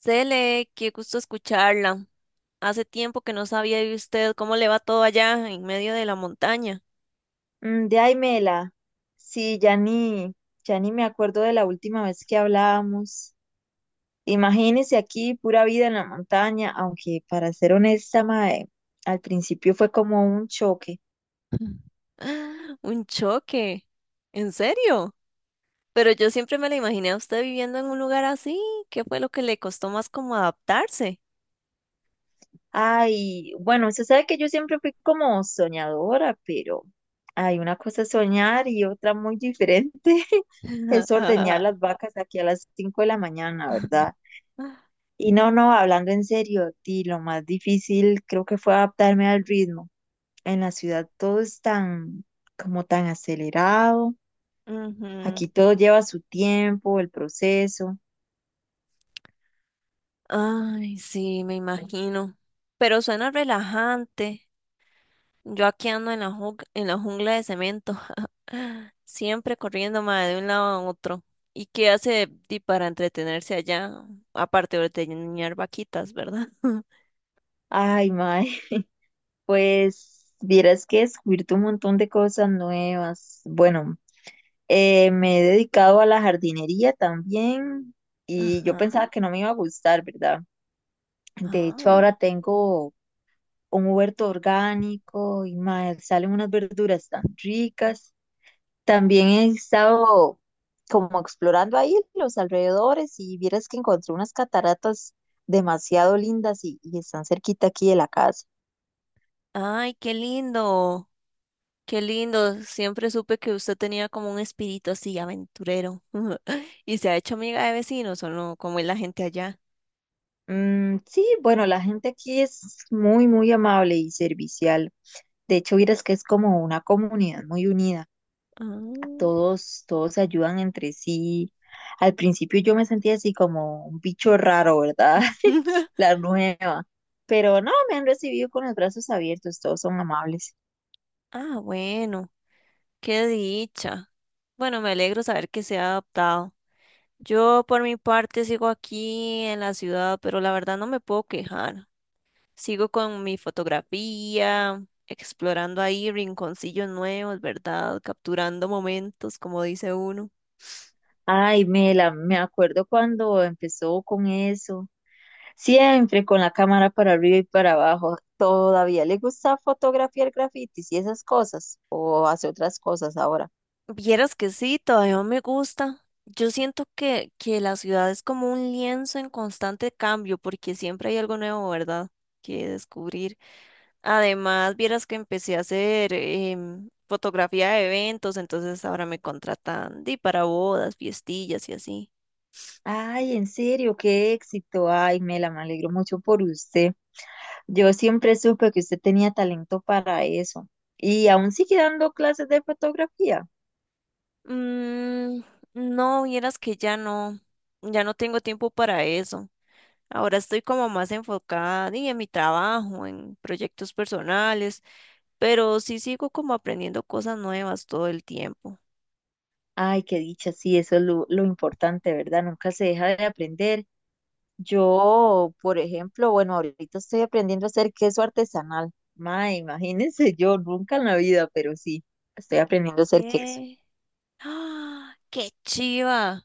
Cele, qué gusto escucharla. Hace tiempo que no sabía de usted, cómo le va todo allá en medio de la montaña. De ahí, Mela. Sí, ya ni me acuerdo de la última vez que hablábamos. Imagínese aquí, pura vida en la montaña, aunque para ser honesta, mae, al principio fue como un choque. Un choque. ¿En serio? Pero yo siempre me la imaginé a usted viviendo en un lugar así. ¿Qué fue lo que le costó más como adaptarse? Ay, bueno, usted sabe que yo siempre fui como soñadora, pero hay una cosa es soñar y otra muy diferente es ordeñar las vacas aquí a las 5 de la mañana, ¿verdad? Y no, no, hablando en serio, di, lo más difícil creo que fue adaptarme al ritmo. En la ciudad todo es como tan acelerado. Ujú. Aquí todo lleva su tiempo, el proceso. Ay, sí, me imagino. Pero suena relajante. Yo aquí ando en la, en la jungla de cemento, siempre corriendo mae, de un lado a otro. ¿Y qué hace di para entretenerse allá? Aparte de ordeñar vaquitas, ¿verdad? Ay, mae, pues vieras que descubierto un montón de cosas nuevas. Bueno, me he dedicado a la jardinería también y yo Ajá. pensaba que no me iba a gustar, ¿verdad? De hecho, Ah. ahora tengo un huerto orgánico y mae, salen unas verduras tan ricas. También he estado como explorando ahí los alrededores y vieras que encontré unas cataratas demasiado lindas y están cerquita aquí de la casa. Ay, qué lindo, qué lindo. Siempre supe que usted tenía como un espíritu así aventurero. ¿Y se ha hecho amiga de vecinos o no? ¿Cómo es la gente allá? Mm, sí, bueno, la gente aquí es muy, muy amable y servicial. De hecho, vieras que es como una comunidad muy unida. Ah. Todos se ayudan entre sí. Al principio yo me sentía así como un bicho raro, ¿verdad? La nueva. Pero no, me han recibido con los brazos abiertos, todos son amables. Ah, bueno, qué dicha. Bueno, me alegro saber que se ha adaptado. Yo por mi parte sigo aquí en la ciudad, pero la verdad no me puedo quejar. Sigo con mi fotografía, explorando ahí rinconcillos nuevos, ¿verdad? Capturando momentos, como dice uno. Me acuerdo cuando empezó con eso. Siempre con la cámara para arriba y para abajo. ¿Todavía le gusta fotografiar grafitis y esas cosas? ¿O hace otras cosas ahora? Vieras que sí, todavía no me gusta. Yo siento que, la ciudad es como un lienzo en constante cambio, porque siempre hay algo nuevo, ¿verdad? Que descubrir. Además, vieras que empecé a hacer fotografía de eventos, entonces ahora me contratan di, para bodas, fiestillas y así. Ay, en serio, qué éxito. Ay, Mela, me alegro mucho por usted. Yo siempre supe que usted tenía talento para eso. Y aún sigue dando clases de fotografía. Mm, no, vieras que ya no, ya no tengo tiempo para eso. Ahora estoy como más enfocada di, en mi trabajo, en proyectos personales, pero sí sigo como aprendiendo cosas nuevas todo el tiempo. Ay, qué dicha, sí, eso es lo importante, ¿verdad? Nunca se deja de aprender. Yo, por ejemplo, bueno, ahorita estoy aprendiendo a hacer queso artesanal. Ma, imagínense yo, nunca en la vida, pero sí, estoy aprendiendo a hacer queso. Eh, ¡Ah! ¡Qué chiva!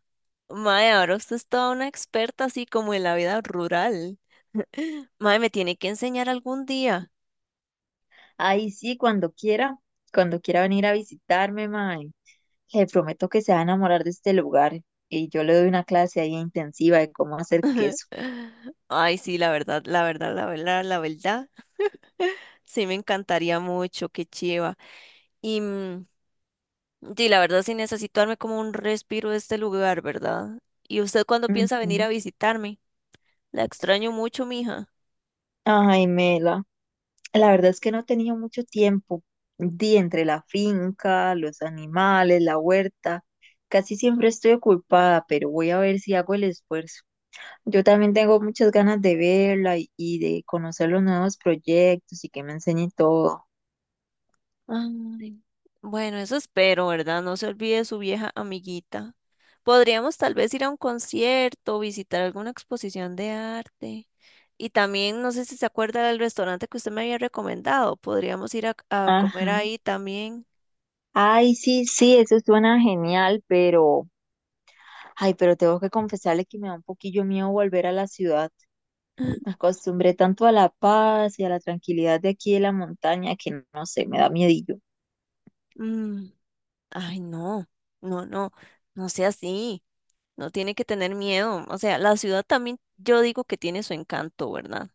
Mae, ahora usted es toda una experta así como en la vida rural. Mae, me tiene que enseñar algún día. Ay, sí, cuando quiera venir a visitarme, ma, le prometo que se va a enamorar de este lugar. Y yo le doy una clase ahí intensiva de cómo hacer queso. Ay, sí, la verdad, la verdad, la verdad, la verdad. Sí, me encantaría mucho, qué chiva. Y sí, la verdad, sí necesito darme como un respiro de este lugar, ¿verdad? ¿Y usted cuándo piensa venir Ujú. a visitarme? La extraño mucho, mija. Ay, Mela, la verdad es que no tenía mucho tiempo. Di entre la finca, los animales, la huerta. Casi siempre estoy ocupada, pero voy a ver si hago el esfuerzo. Yo también tengo muchas ganas de verla y de conocer los nuevos proyectos y que me enseñe todo. Ay. Bueno, eso espero, ¿verdad? No se olvide de su vieja amiguita. Podríamos tal vez ir a un concierto, visitar alguna exposición de arte. Y también, no sé si se acuerda del restaurante que usted me había recomendado. Podríamos ir a comer Ajá. ahí también. Ay, sí, eso suena genial, pero, ay, pero tengo que confesarle que me da un poquillo miedo volver a la ciudad. Me acostumbré tanto a la paz y a la tranquilidad de aquí de la montaña que no sé, me da miedillo. Mm. Ay, no, no, no, no sea así. No tiene que tener miedo. O sea, la ciudad también, yo digo que tiene su encanto, ¿verdad?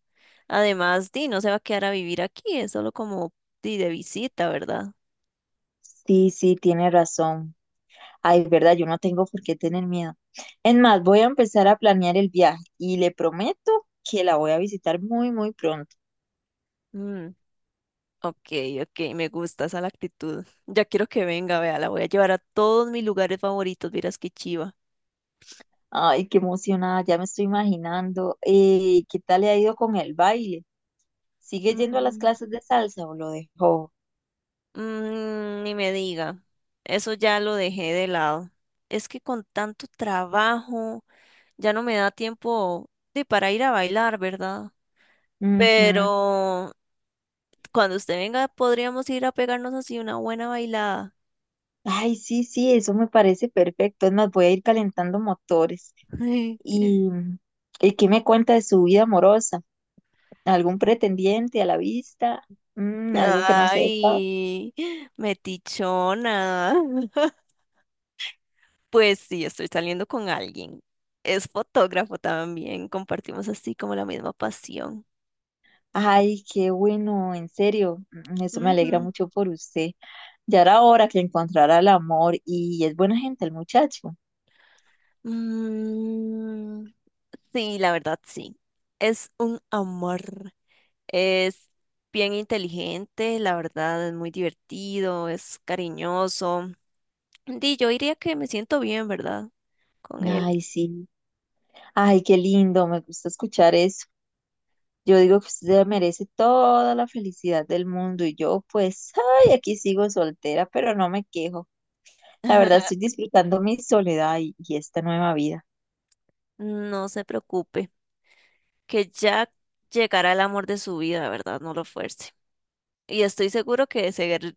Además, di, no se va a quedar a vivir aquí, es solo como di, de visita, ¿verdad? Sí, tiene razón. Ay, verdad, yo no tengo por qué tener miedo. Es más, voy a empezar a planear el viaje y le prometo que la voy a visitar muy, muy pronto. Mm, ok, ok, me gusta esa la actitud. Ya quiero que venga, vea, la voy a llevar a todos mis lugares favoritos, vieras qué chiva. Ay, qué emocionada, ya me estoy imaginando. ¿Qué tal le ha ido con el baile? ¿Sigue yendo a las Mm. clases de salsa o lo dejó? Mm, ni me diga, eso ya lo dejé de lado. Es que con tanto trabajo ya no me da tiempo de para ir a bailar, ¿verdad? Ujú. Pero cuando usted venga podríamos ir a pegarnos así una buena bailada. Ay, sí, eso me parece perfecto. Es más, voy a ir calentando motores. ¿Y, ¿Y qué me cuenta de su vida amorosa? ¿Algún pretendiente a la vista? Mm, algo que no sepa. Ay, metichona. Pues sí, estoy saliendo con alguien. Es fotógrafo también, compartimos así como la misma pasión. Ay, qué bueno, en serio, eso me alegra Ujú. mucho por usted. Ya era hora que encontrara el amor y es buena gente el muchacho. Mm, sí, la verdad, sí. Es un amor. Es bien inteligente, la verdad, es muy divertido, es cariñoso. Di, yo diría que me siento bien, ¿verdad? Con él. Ay, sí, ay, qué lindo, me gusta escuchar eso. Yo digo que usted merece toda la felicidad del mundo y yo pues, ay, aquí sigo soltera, pero no me quejo. La verdad estoy disfrutando mi soledad y esta nueva vida. No se preocupe, que ya llegará el amor de su vida, ¿verdad? No lo fuerce. Y estoy seguro que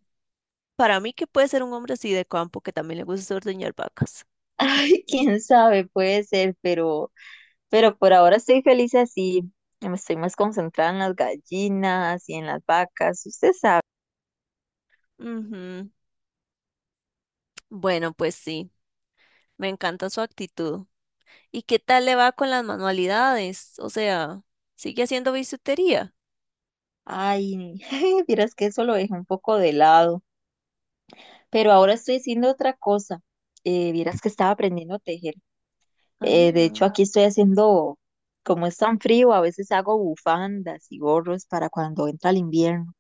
para mí que puede ser un hombre así de campo que también le gusta ordeñar vacas. Ay, quién sabe, puede ser, pero por ahora estoy feliz así. Me estoy más concentrada en las gallinas y en las vacas, usted sabe. Ujú. Bueno, pues sí, me encanta su actitud. ¿Y qué tal le va con las manualidades? O sea, ¿sigue haciendo bisutería? Ay, vieras que eso lo dejé un poco de lado. Pero ahora estoy haciendo otra cosa. Vieras que estaba aprendiendo a tejer. De hecho, Ah, aquí estoy haciendo, como es tan frío, a veces hago bufandas y gorros para cuando entra el invierno.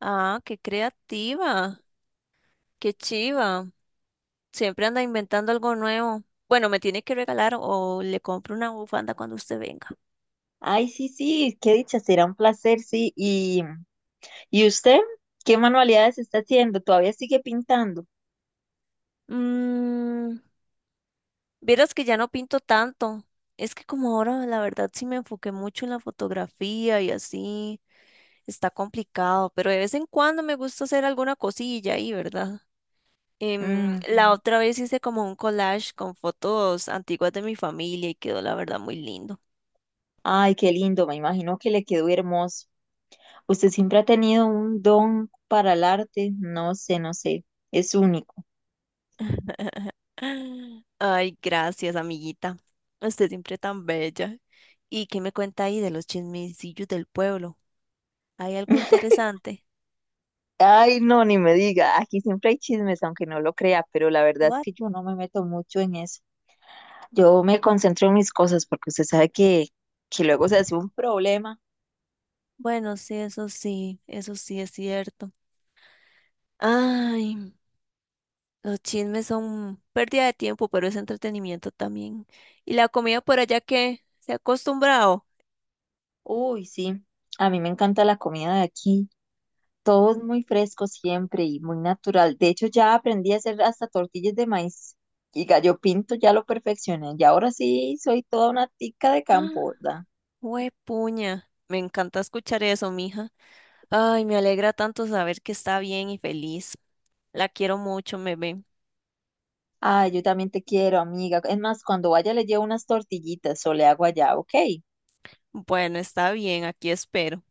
ah, qué creativa, qué chiva. Siempre anda inventando algo nuevo. Bueno, me tiene que regalar o le compro una bufanda cuando usted venga. Ay, sí, qué dicha, será un placer, sí. ¿Y usted qué manualidades está haciendo? ¿Todavía sigue pintando? Mm, vieras que ya no pinto tanto. Es que como ahora, la verdad, sí me enfoqué mucho en la fotografía y así. Está complicado, pero de vez en cuando me gusta hacer alguna cosilla ahí, ¿verdad? Em, la Ujú. otra vez hice como un collage con fotos antiguas de mi familia y quedó la verdad muy lindo. Ay, qué lindo, me imagino que le quedó hermoso. Usted siempre ha tenido un don para el arte, no sé, es único. Ay, gracias, amiguita. Usted siempre tan bella. ¿Y qué me cuenta ahí de los chismecillos del pueblo? ¿Hay algo interesante? Ay, no, ni me diga, aquí siempre hay chismes, aunque no lo crea, pero la verdad es What? que yo no me meto mucho en eso. Yo me concentro en mis cosas porque usted sabe que luego se hace un problema. Bueno, sí, eso sí, eso sí es cierto. Ay, los chismes son pérdida de tiempo, pero es entretenimiento también. ¿Y la comida por allá qué? ¿Se ha acostumbrado? Uy, sí, a mí me encanta la comida de aquí. Todo es muy fresco siempre y muy natural. De hecho, ya aprendí a hacer hasta tortillas de maíz y gallo pinto, ya lo perfeccioné. Y ahora sí soy toda una tica de campo, ¿verdad? Puña, me encanta escuchar eso, mija. Ay, me alegra tanto saber que está bien y feliz. La quiero mucho, bebé. Ay, yo también te quiero, amiga. Es más, cuando vaya le llevo unas tortillitas o le hago allá, ¿ok? Bueno, está bien, aquí espero.